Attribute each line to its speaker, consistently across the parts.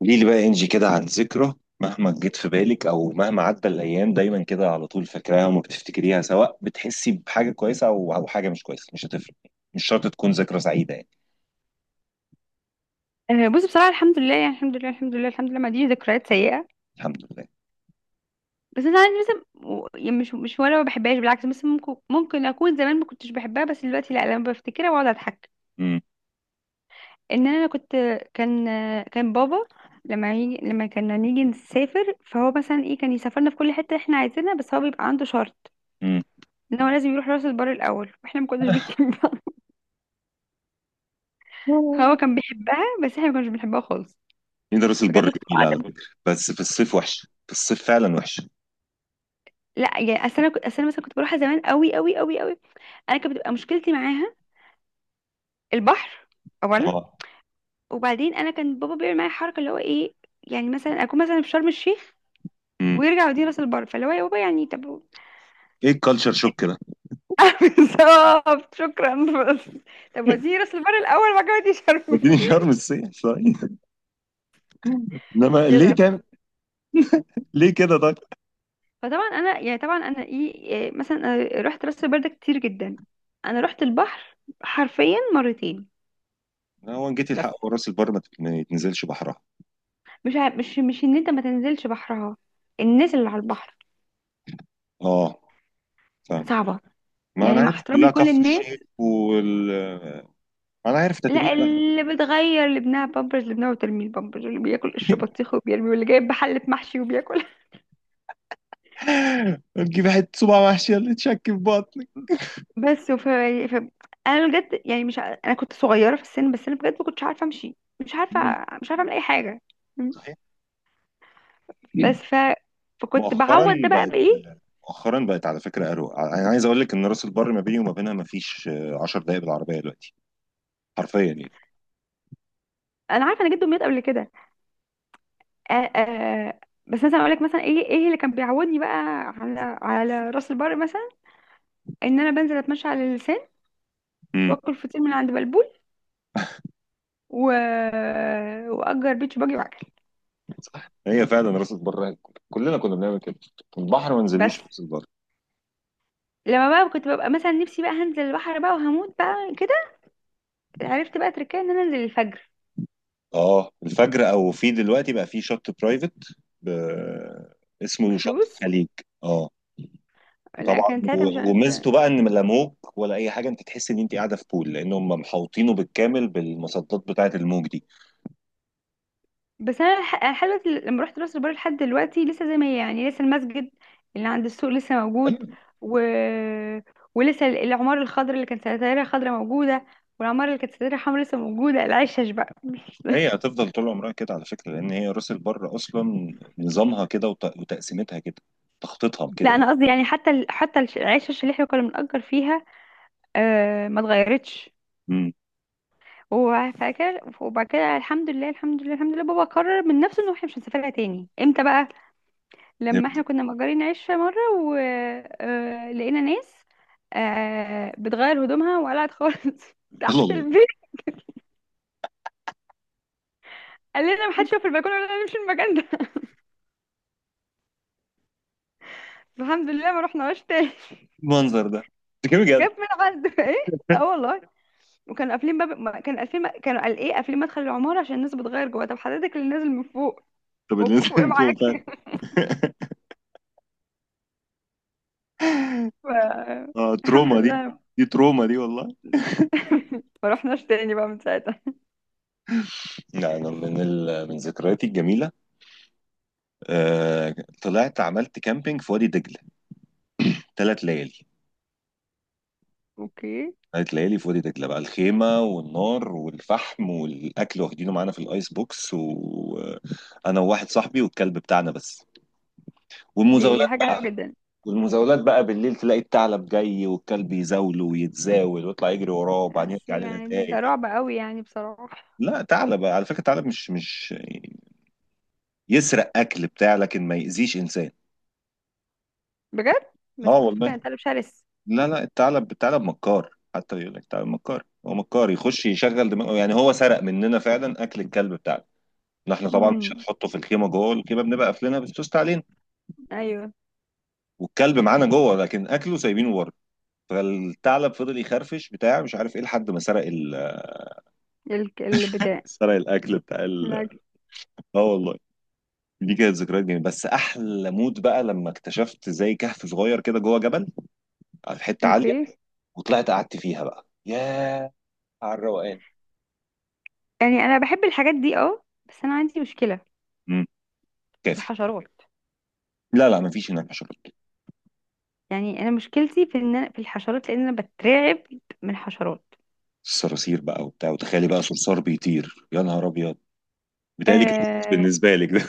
Speaker 1: قولي لي بقى انجي كده عن ذكرى، مهما جت في بالك او مهما عدى الايام دايما كده على طول فاكراها وما بتفتكريها، سواء بتحسي بحاجه كويسه او حاجه مش كويسه، مش هتفرق. مش شرط تكون ذكرى سعيده يعني.
Speaker 2: آه، بصي بصراحة الحمد لله يعني الحمد لله ما عنديش ذكريات سيئة.
Speaker 1: الحمد لله.
Speaker 2: بس انا عندي مثلا و- يعني مش مش ولا ما بحبهاش بالعكس، بس ممكن اكون زمان ما كنتش بحبها، بس دلوقتي لا، لما بفتكرها بقعد اضحك.
Speaker 1: امم.
Speaker 2: ان انا كنت كان كان بابا لما كنا نيجي نسافر، فهو مثلا ايه كان يسافرنا في كل حتة احنا عايزينها، بس هو بيبقى عنده شرط
Speaker 1: امم.
Speaker 2: ان هو لازم يروح راس البر الاول واحنا ما كناش بنحبها. هو كان بيحبها بس احنا ما كناش بنحبها خالص.
Speaker 1: مين؟ راس
Speaker 2: بجد
Speaker 1: البر
Speaker 2: كنت
Speaker 1: جميل على
Speaker 2: قاعدة.
Speaker 1: فكره، بس في الصيف وحشه، في الصيف فعلا وحشه.
Speaker 2: لا يعني اصل انا كنت اصل انا مثلا كنت بروحها زمان قوي قوي قوي قوي. انا كانت بتبقى مشكلتي معاها البحر اولا،
Speaker 1: اه.
Speaker 2: وبعدين انا كان بابا بيعمل معايا حركه اللي هو ايه. يعني مثلا اكون مثلا في شرم الشيخ
Speaker 1: امم.
Speaker 2: ويرجع يوديني راس البر، فاللي هو يا بابا يعني طب
Speaker 1: ايه الكالتشر شوك ده؟
Speaker 2: بالظبط شكرا. بس طب وديني راس البر الاول بعد كده وديني شرم
Speaker 1: وديني
Speaker 2: الشيخ.
Speaker 1: شرم الصيف طيب. انما ليه
Speaker 2: كده.
Speaker 1: تعمل، ليه كده طيب؟
Speaker 2: فطبعا انا يعني طبعا انا ايه إيه، مثلا أنا رحت راس البر ده كتير جدا. انا رحت البحر حرفيا مرتين.
Speaker 1: هو ان جيتي
Speaker 2: بس
Speaker 1: الحق وراس البر ما يتنزلش بحرها.
Speaker 2: مش ع- مش مش ان انت ما تنزلش بحرها، الناس اللي على البحر
Speaker 1: اه، فاهم.
Speaker 2: صعبه،
Speaker 1: ما انا
Speaker 2: يعني مع
Speaker 1: عارف
Speaker 2: احترامي
Speaker 1: كلها
Speaker 2: لكل
Speaker 1: كفر
Speaker 2: الناس.
Speaker 1: الشيخ وال... ما انا عارف تتبيله
Speaker 2: لا،
Speaker 1: بقى.
Speaker 2: اللي بتغير لابنها بامبرز لابنها وترمي البامبرز، اللي بياكل قشر بطيخ وبيرمي، واللي جايب بحلة محشي وبياكل.
Speaker 1: تجيب حته صباع محشي اللي تشك في بطنك.
Speaker 2: بس وف... ف... انا بجد يعني مش ع- انا كنت صغيرة في السن، بس انا بجد ما كنتش عارفة امشي، مش عارفة
Speaker 1: مم.
Speaker 2: مش عارفة اعمل اي حاجة. م.
Speaker 1: صحيح.
Speaker 2: بس ف... فكنت
Speaker 1: مؤخرا
Speaker 2: بعوض ده بقى
Speaker 1: بقت
Speaker 2: بايه.
Speaker 1: مؤخرا بقت على فكره اروق، انا عايز اقول لك ان راس البر ما بيني وما بينها ما فيش 10 دقائق بالعربيه دلوقتي، حرفيا يعني.
Speaker 2: انا عارفة انا جده مات قبل كده. آ... آ... بس مثلا اقول لك مثلا ايه ايه اللي كان بيعودني بقى على راس البر مثلا. ان انا بنزل اتمشى على اللسان
Speaker 1: مم.
Speaker 2: واكل فطير من عند بلبول و... واجر بيتش باجي واعجل.
Speaker 1: هي فعلا راس البر، كلنا كنا بنعمل كده، البحر ما
Speaker 2: بس
Speaker 1: نزلوش في راس البر.
Speaker 2: لما بقى كنت ببقى مثلا نفسي بقى هنزل البحر بقى وهموت بقى كده. عرفت بقى تركيا ان انا انزل الفجر
Speaker 1: اه، الفجر او في دلوقتي بقى في شط برايفت، ب... اسمه شط
Speaker 2: بفلوس.
Speaker 1: الخليج. اه.
Speaker 2: لا
Speaker 1: وطبعا
Speaker 2: كانت ساعتها مش
Speaker 1: و-
Speaker 2: عارفة.
Speaker 1: وميزته بقى ان لا موج ولا اي حاجه، انت تحس ان انت قاعده في بول، لان هم محوطينه بالكامل بالمصدات بتاعه الموج دي.
Speaker 2: بس انا لحد دلوقتي لما رحت راس البر لحد دلوقتي لسه زي ما هي، يعني لسه المسجد اللي عند السوق لسه موجود،
Speaker 1: أيوة.
Speaker 2: و... ولسه العمارة الخضراء اللي كانت ستايرها خضراء موجودة، والعمارة اللي كانت ستايرها حمراء لسه موجودة، العشش بقى.
Speaker 1: هي هتفضل طول عمرها كده على فكره، لان هي راس البر اصلا نظامها كده وت- وتقسيمتها كده، تخطيطها كده
Speaker 2: لا
Speaker 1: يعني.
Speaker 2: انا قصدي يعني حتى العشش اللي احنا كنا بنأجر فيها آه ما اتغيرتش.
Speaker 1: امم.
Speaker 2: وفاكر وبعد كده الحمد لله بابا قرر من نفسه انه احنا مش هنسافرها تاني امتى بقى؟ لما احنا
Speaker 1: فهمت.
Speaker 2: كنا مأجرين عشة مرة ولقينا ناس آه، بتغير هدومها وقلعت خالص
Speaker 1: الله،
Speaker 2: تحت
Speaker 1: الله.
Speaker 2: البيت. قال لنا ما حدش يقف في البلكونه ولا نمشي المكان ده. الحمد لله ما رحناش تاني.
Speaker 1: المنظر ده كده بجد.
Speaker 2: جاب من عنده ايه؟ اه والله. وكانوا قافلين باب ما- كان قافلين كانوا قال ايه قافلين مدخل العماره عشان الناس بتغير جوه. طب حضرتك اللي نازل من فوق
Speaker 1: طب اللي
Speaker 2: بوك
Speaker 1: نزل
Speaker 2: فوق ايه
Speaker 1: من فوق
Speaker 2: معاك؟
Speaker 1: فعلا.
Speaker 2: ف-
Speaker 1: اه،
Speaker 2: الحمد
Speaker 1: تروما دي.
Speaker 2: لله
Speaker 1: دي تروما دي والله.
Speaker 2: ما رحناش تاني بقى من ساعتها.
Speaker 1: لا، انا من ذكرياتي الجميله، آه... طلعت عملت كامبينج في وادي دجله، 3 ليالي.
Speaker 2: اوكي.
Speaker 1: هتلاقي لي فاضي دجلة بقى، الخيمة والنار والفحم والأكل واخدينه معانا في الآيس بوكس، وأنا وواحد صاحبي والكلب بتاعنا بس.
Speaker 2: دي
Speaker 1: والمزاولات
Speaker 2: حاجة حلوة جدا.
Speaker 1: والمزاولات بقى بالليل تلاقي الثعلب جاي والكلب يزاوله ويتزاول ويطلع يجري وراه، وبعدين
Speaker 2: بس
Speaker 1: يرجع لنا
Speaker 2: يعني ده
Speaker 1: تاني.
Speaker 2: رعب قوي يعني بصراحة.
Speaker 1: لا، ثعلب على فكرة، الثعلب مش يسرق أكل بتاع لكن ما يأذيش إنسان.
Speaker 2: بجد؟ بس
Speaker 1: اه
Speaker 2: كنت فاكرة ان
Speaker 1: والله.
Speaker 2: الكلب شرس.
Speaker 1: لا، لا، الثعلب مكار، حتى يقول لك الثعلب مكار، هو مكار يخش يشغل دماغه يعني، هو سرق مننا فعلا أكل الكلب بتاعنا. احنا طبعا مش
Speaker 2: امم،
Speaker 1: هنحطه في الخيمه، جوه الخيمه بنبقى قافلينها بالسوست علينا.
Speaker 2: ايوه
Speaker 1: والكلب معانا جوه لكن اكله سايبينه بره. فالثعلب فضل يخرفش بتاع مش عارف ايه، لحد ما
Speaker 2: البتاع.
Speaker 1: سرق الاكل بتاع ال...
Speaker 2: لا.
Speaker 1: اه والله. دي كانت ذكريات جميله، بس احلى مود بقى لما اكتشفت زي كهف صغير كده جوه جبل، على حته عاليه،
Speaker 2: اوكي.
Speaker 1: وطلعت قعدت فيها بقى، ياه، على الروقان.
Speaker 2: يعني انا بحب الحاجات دي اه، بس انا عندي مشكلة
Speaker 1: امم.
Speaker 2: في
Speaker 1: كافي.
Speaker 2: الحشرات.
Speaker 1: لا، لا، مفيش هناك حشرات.
Speaker 2: يعني انا مشكلتي في ان في الحشرات لان انا بترعب من الحشرات.
Speaker 1: الصراصير بقى وبتاع، وتخيلي بقى صرصار بيطير، يا نهار ابيض، بيتهيألي كابوس
Speaker 2: أه.
Speaker 1: بالنسبه لك ده.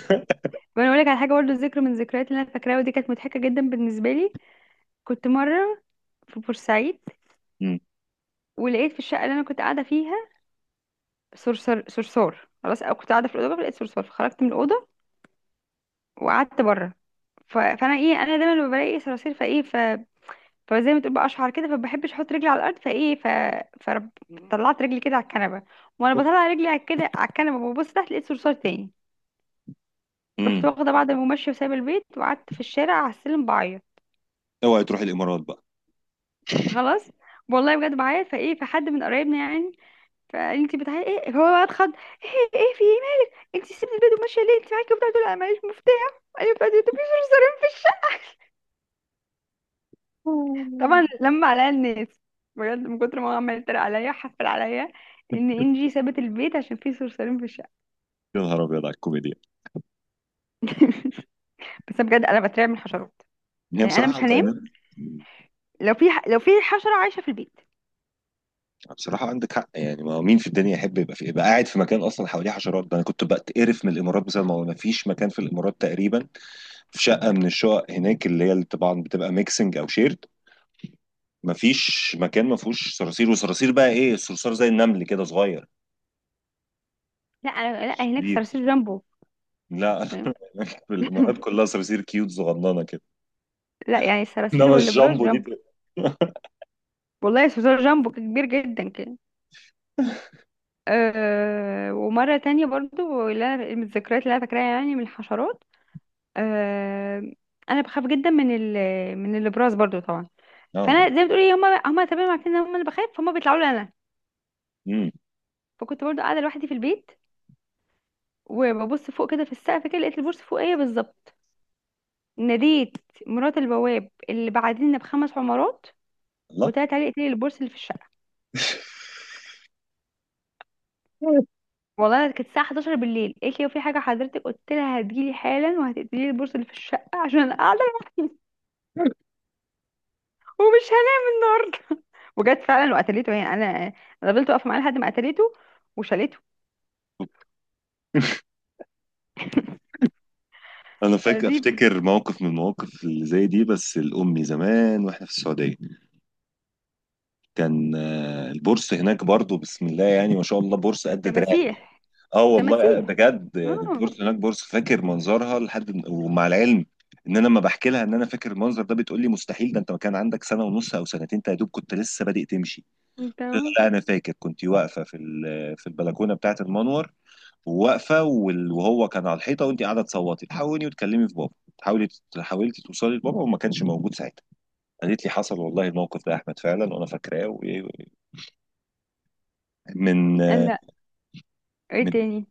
Speaker 2: وانا اقول لك على حاجه برضه، ذكر من الذكريات اللي انا فاكراها، ودي كانت مضحكه جدا بالنسبه لي. كنت مره في بورسعيد
Speaker 1: امم.
Speaker 2: ولقيت في الشقه اللي انا كنت قاعده فيها صرصار. خلاص أنا كنت قاعدة في الأوضة لقيت صرصار فخرجت من الأوضة وقعدت بره. فأنا إيه، أنا دايما لما بلاقي صراصير فزي ما تقول بقى أشعر كده، فبحبش أحط رجلي على الأرض فرب... طلعت رجلي كده على الكنبة، وأنا بطلع رجلي على كده على الكنبة وببص تحت لقيت صرصار تاني. رحت
Speaker 1: امم.
Speaker 2: واخدة بعد ما ماشية وسايبة البيت وقعدت في الشارع على السلم بعيط.
Speaker 1: اوعي تروح الامارات بقى.
Speaker 2: خلاص، والله بجد بعيط. فحد من قرايبنا يعني، فانت بتعالي ايه هو بقى اتخض؟ ايه ايه في ايه مالك؟ انت سيبت البيت وماشيه ليه؟ انت معاكي بتاع دول؟ انا معيش مفتاح. ايوه بتاع دول، مفيش مصاريف في الشقه. طبعا لما عليا الناس بجد من كتر ما هو عمال يتريق عليا حفل عليا، ان انجي سابت البيت عشان في صرصارين في الشقه.
Speaker 1: يا نهار ابيض على الكوميديا.
Speaker 2: بس بجد انا بترعب من الحشرات.
Speaker 1: هي
Speaker 2: يعني انا
Speaker 1: بصراحه
Speaker 2: مش
Speaker 1: انت
Speaker 2: هنام
Speaker 1: هنا،
Speaker 2: لو في لو في حشره عايشه في البيت.
Speaker 1: بصراحه عندك حق يعني، ما مين في الدنيا يحب يبقى قاعد في مكان اصلا حواليه حشرات؟ ده انا كنت بتقرف من الامارات بسبب الموضوع ده. ما فيش مكان في الامارات تقريبا، في شقه من الشقق هناك، اللي هي اللي طبعا بتبقى ميكسنج او شيرد، ما فيش مكان ما فيهوش صراصير. وصراصير بقى ايه، الصرصار زي النمل كده صغير.
Speaker 2: لا، هناك
Speaker 1: شديد.
Speaker 2: صراصير جامبو.
Speaker 1: لا،
Speaker 2: فاهم؟
Speaker 1: في الامارات كلها صراصير كيوت صغننه كده،
Speaker 2: لا يعني الصراصير
Speaker 1: انما
Speaker 2: والابراج
Speaker 1: الجامبو دي
Speaker 2: جامبو.
Speaker 1: لا.
Speaker 2: والله صرصار جامبو كبير جدا. أه ومرة تانية برضو من الذكريات اللي أنا فاكراها يعني من الحشرات، أه أنا بخاف جدا من من الإبراز برضو طبعا.
Speaker 1: لا.
Speaker 2: فأنا زي ما بتقولي هما هما تمام عارفين إن هما اللي بخاف فهم بيطلعوا لي أنا.
Speaker 1: امم.
Speaker 2: فكنت برضو قاعدة لوحدي في البيت، وببص فوق كده في السقف كده لقيت البورصة فوقية بالظبط. ناديت مرات البواب اللي بعدين بخمس عمارات،
Speaker 1: لا.
Speaker 2: وطلعت عليه قالت لي البورصة اللي في الشقة؟ والله كانت الساعة 11 بالليل. قالت لي في حاجة حضرتك؟ قلت لها هتجيلي حالا وهتقتلي لي البورصة اللي في الشقة عشان أنا قاعدة ومش وجت فعلا وقتلته، يعني انا انا فضلت واقفه معاه لحد ما قتلته وشالته.
Speaker 1: انا
Speaker 2: فدي بت-
Speaker 1: افتكر موقف من المواقف اللي زي دي، بس الامي زمان واحنا في السعوديه. كان البورصه هناك برضو، بسم الله يعني ما شاء الله، بورصه قد دراعي.
Speaker 2: تماسيح.
Speaker 1: اه والله.
Speaker 2: تماسيح.
Speaker 1: بجد يعني
Speaker 2: اه.
Speaker 1: البورصه هناك بورصه فاكر منظرها لحد، ومع العلم ان انا لما بحكي لها ان انا فاكر المنظر ده بتقول لي مستحيل، ده انت ما كان عندك سنه ونص او سنتين، انت يا دوب كنت لسه بادئ تمشي. قلت لها
Speaker 2: تمام.
Speaker 1: لا، انا فاكر كنت واقفه في البلكونه بتاعه المنور، وواقفه وال- وهو كان على الحيطه، وانت قاعده تصوتي تحاولي وتكلمي في بابا، حاولي حاولتي توصلي لبابا وما كانش موجود ساعتها. قالت لي حصل والله الموقف ده يا احمد فعلا وانا فاكراه من
Speaker 2: لا. ايه
Speaker 1: من
Speaker 2: تاني؟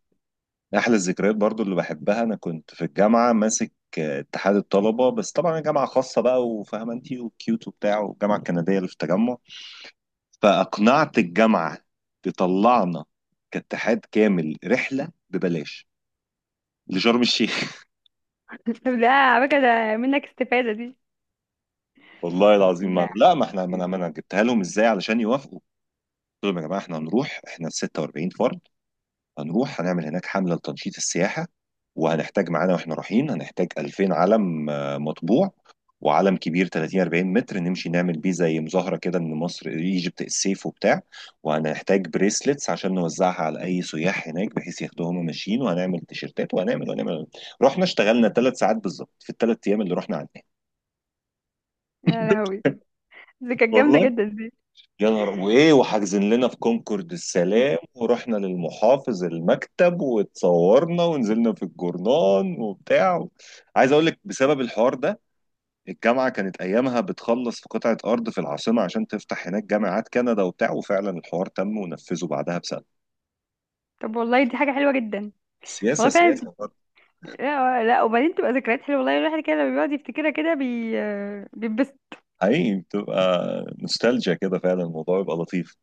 Speaker 1: احلى الذكريات برضو اللي بحبها. انا كنت في الجامعه ماسك اتحاد الطلبه، بس طبعا الجامعه خاصه بقى وفاهمه انت، وكيوت وبتاع، والجامعه الكنديه اللي في التجمع، فاقنعت الجامعه تطلعنا كاتحاد كامل رحله ببلاش لشرم الشيخ.
Speaker 2: طب ده على فكره ده منك استفاده دي.
Speaker 1: والله العظيم ما
Speaker 2: ده.
Speaker 1: لا ما احنا ما انا ما انا جبتها لهم ازاي علشان يوافقوا. قلت لهم يا جماعه احنا هنروح، احنا 46 فرد، هنروح هنعمل هناك حمله لتنشيط السياحه، وهنحتاج معانا واحنا رايحين هنحتاج 2000 علم مطبوع، وعلم كبير 30 40 متر نمشي نعمل بيه زي مظاهره كده ان مصر ايجيبت السيف وبتاع، وهنحتاج بريسلتس عشان نوزعها على اي سياح هناك بحيث ياخدوها هم ماشيين، وهنعمل تيشيرتات وهنعمل وهنعمل. رحنا اشتغلنا 3 ساعات بالظبط في الثلاث ايام اللي رحنا عندنا.
Speaker 2: يا لهوي، دي كانت جامده
Speaker 1: والله
Speaker 2: جدا دي.
Speaker 1: يا نهار وايه، وحاجزين لنا في كونكورد السلام، ورحنا للمحافظ المكتب واتصورنا ونزلنا في الجورنان وبتاع. عايز اقول لك بسبب الحوار ده الجامعه كانت ايامها بتخلص في قطعه ارض في العاصمه عشان تفتح هناك جامعات كندا وبتاع، وفعلا الحوار تم ونفذه بعدها بسنه.
Speaker 2: طب والله دي حاجه حلوه جدا.
Speaker 1: سياسه
Speaker 2: والله فعلا بت-
Speaker 1: سياسه برضه.
Speaker 2: لا لا، وبعدين تبقى ذكريات حلوه، والله الواحد كده لما بيقعد يفتكرها كده بي آه، بيتبسط.
Speaker 1: حقيقي بتبقى نوستالجيا كده، فعلا الموضوع يبقى لطيف.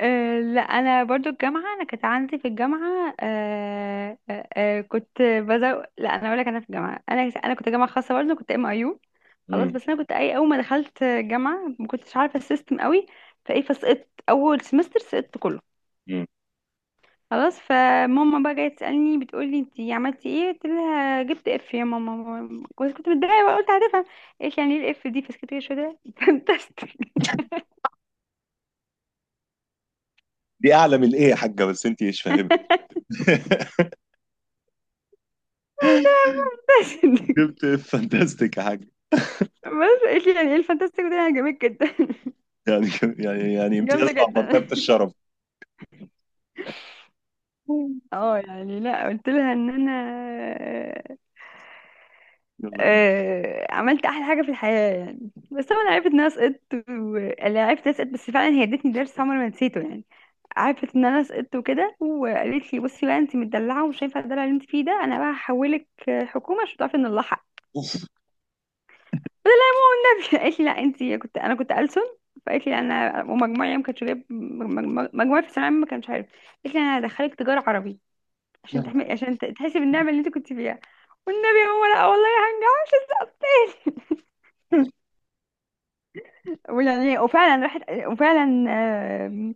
Speaker 2: أه لا انا برضو الجامعه، انا كانت عندي في الجامعه أه أه أه كنت بزو لا انا اقول لك انا في الجامعه انا كنت جامعه خاصه برضو، كنت ام اي يو. خلاص
Speaker 1: امم.
Speaker 2: بس انا كنت اي، اول ما دخلت جامعه ما كنتش عارفه السيستم قوي. فسقطت اول سمستر، سقطت كله.
Speaker 1: امم.
Speaker 2: خلاص فماما بقى جايه تسالني بتقول لي انت عملتي ايه؟ قلت لها جبت اف يا ماما. كنت متضايقه بقى، قلت هتفهم ايش يعني ايه الاف دي؟ فسكت كده شويه
Speaker 1: دي اعلى من ايه يا حاجه بس انت مش فاهمه.
Speaker 2: تستك.
Speaker 1: جبت فانتاستيك يا حاج.
Speaker 2: بس قالت لي يعني ايه الفانتاستيك ده؟ يعني عجبك جدا؟
Speaker 1: يعني يعني امتياز
Speaker 2: جامده
Speaker 1: مع
Speaker 2: جدا.
Speaker 1: مرتبة الشرف.
Speaker 2: اه يعني لا قلت لها ان انا آه،
Speaker 1: يلا، يلا،
Speaker 2: عملت احلى حاجه في الحياه يعني. بس طبعا عرفت ان انا سقطت لا، عرفت ان انا سقطت، بس فعلا هي ادتني درس عمري ما نسيته يعني. عرفت ان انا سقطت وكده، وقالت لي بصي بقى انت مدلعه ومش هينفع الدلع اللي انت فيه ده، انا بقى هحولك حكومه عشان تعرفي ان نلحق. قالت لي لا انت كنت، انا كنت ألسن. فقالت لي انا ومجموعي ما كانش جايب مجموعي في الثانويه العامة ما كانش عارف. قالت لي انا هدخلك تجاره عربي عشان
Speaker 1: يلا.
Speaker 2: تحمي عشان تحسي بالنعمه اللي انت كنت فيها. والنبي هو لا والله هنجح. ويعني وفعلا راحت وفعلا آم،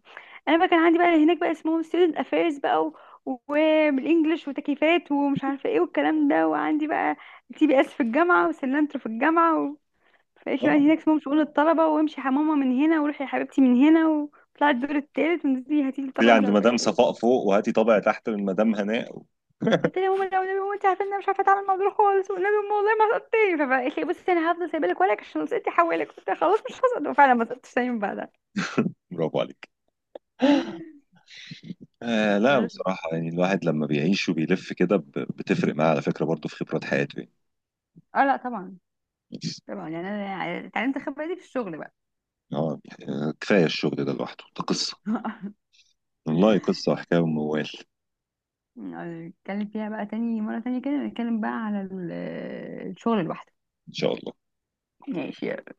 Speaker 2: انا بقى كان عندي بقى هناك بقى اسمهم ستودنت افيرز وبالانجلش وتكييفات ومش عارفه ايه والكلام ده، وعندي بقى تي بي اس في الجامعه وسلنترو في الجامعه. مبقاش بقى
Speaker 1: اه،
Speaker 2: هناك اسمهم شؤون الطلبة، وامشي يا ماما من هنا وروحي يا حبيبتي من هنا وطلع الدور التالت ونزلي هاتي لي
Speaker 1: دي
Speaker 2: طبعا مش
Speaker 1: عند
Speaker 2: عارفة
Speaker 1: مدام
Speaker 2: ايه.
Speaker 1: صفاء فوق، وهاتي طابع تحت من مدام هناء.
Speaker 2: قلت لها يا ماما لا والنبي يا ماما انت عارفة ان انا مش عارفة اتعامل مع دول خالص، والنبي يا ماما والله ما هسقطتني. فقالت لي بصي انا هفضل سايبه لك ورقك عشان لو سقطتي حوالك. قلت لها خلاص مش هسقط، وفعلا ما سقطتش تاني من بعدها.
Speaker 1: برافو عليك. آه، لا
Speaker 2: بس
Speaker 1: بصراحة يعني، الواحد لما بيعيش وبيلف كده بتفرق معاه على فكرة برضه في خبرات حياته يعني.
Speaker 2: اه لا طبعا طبعا. يعني انا اتعلمت الخبرة دي في الشغل بقى.
Speaker 1: اه يعني، كفاية الشغل ده لوحده، ده قصة. والله قصة وحكاية وموال.
Speaker 2: نتكلم فيها بقى تاني مرة تانية كده، نتكلم بقى على الشغل لوحده.
Speaker 1: إن شاء الله.
Speaker 2: ماشي يلا.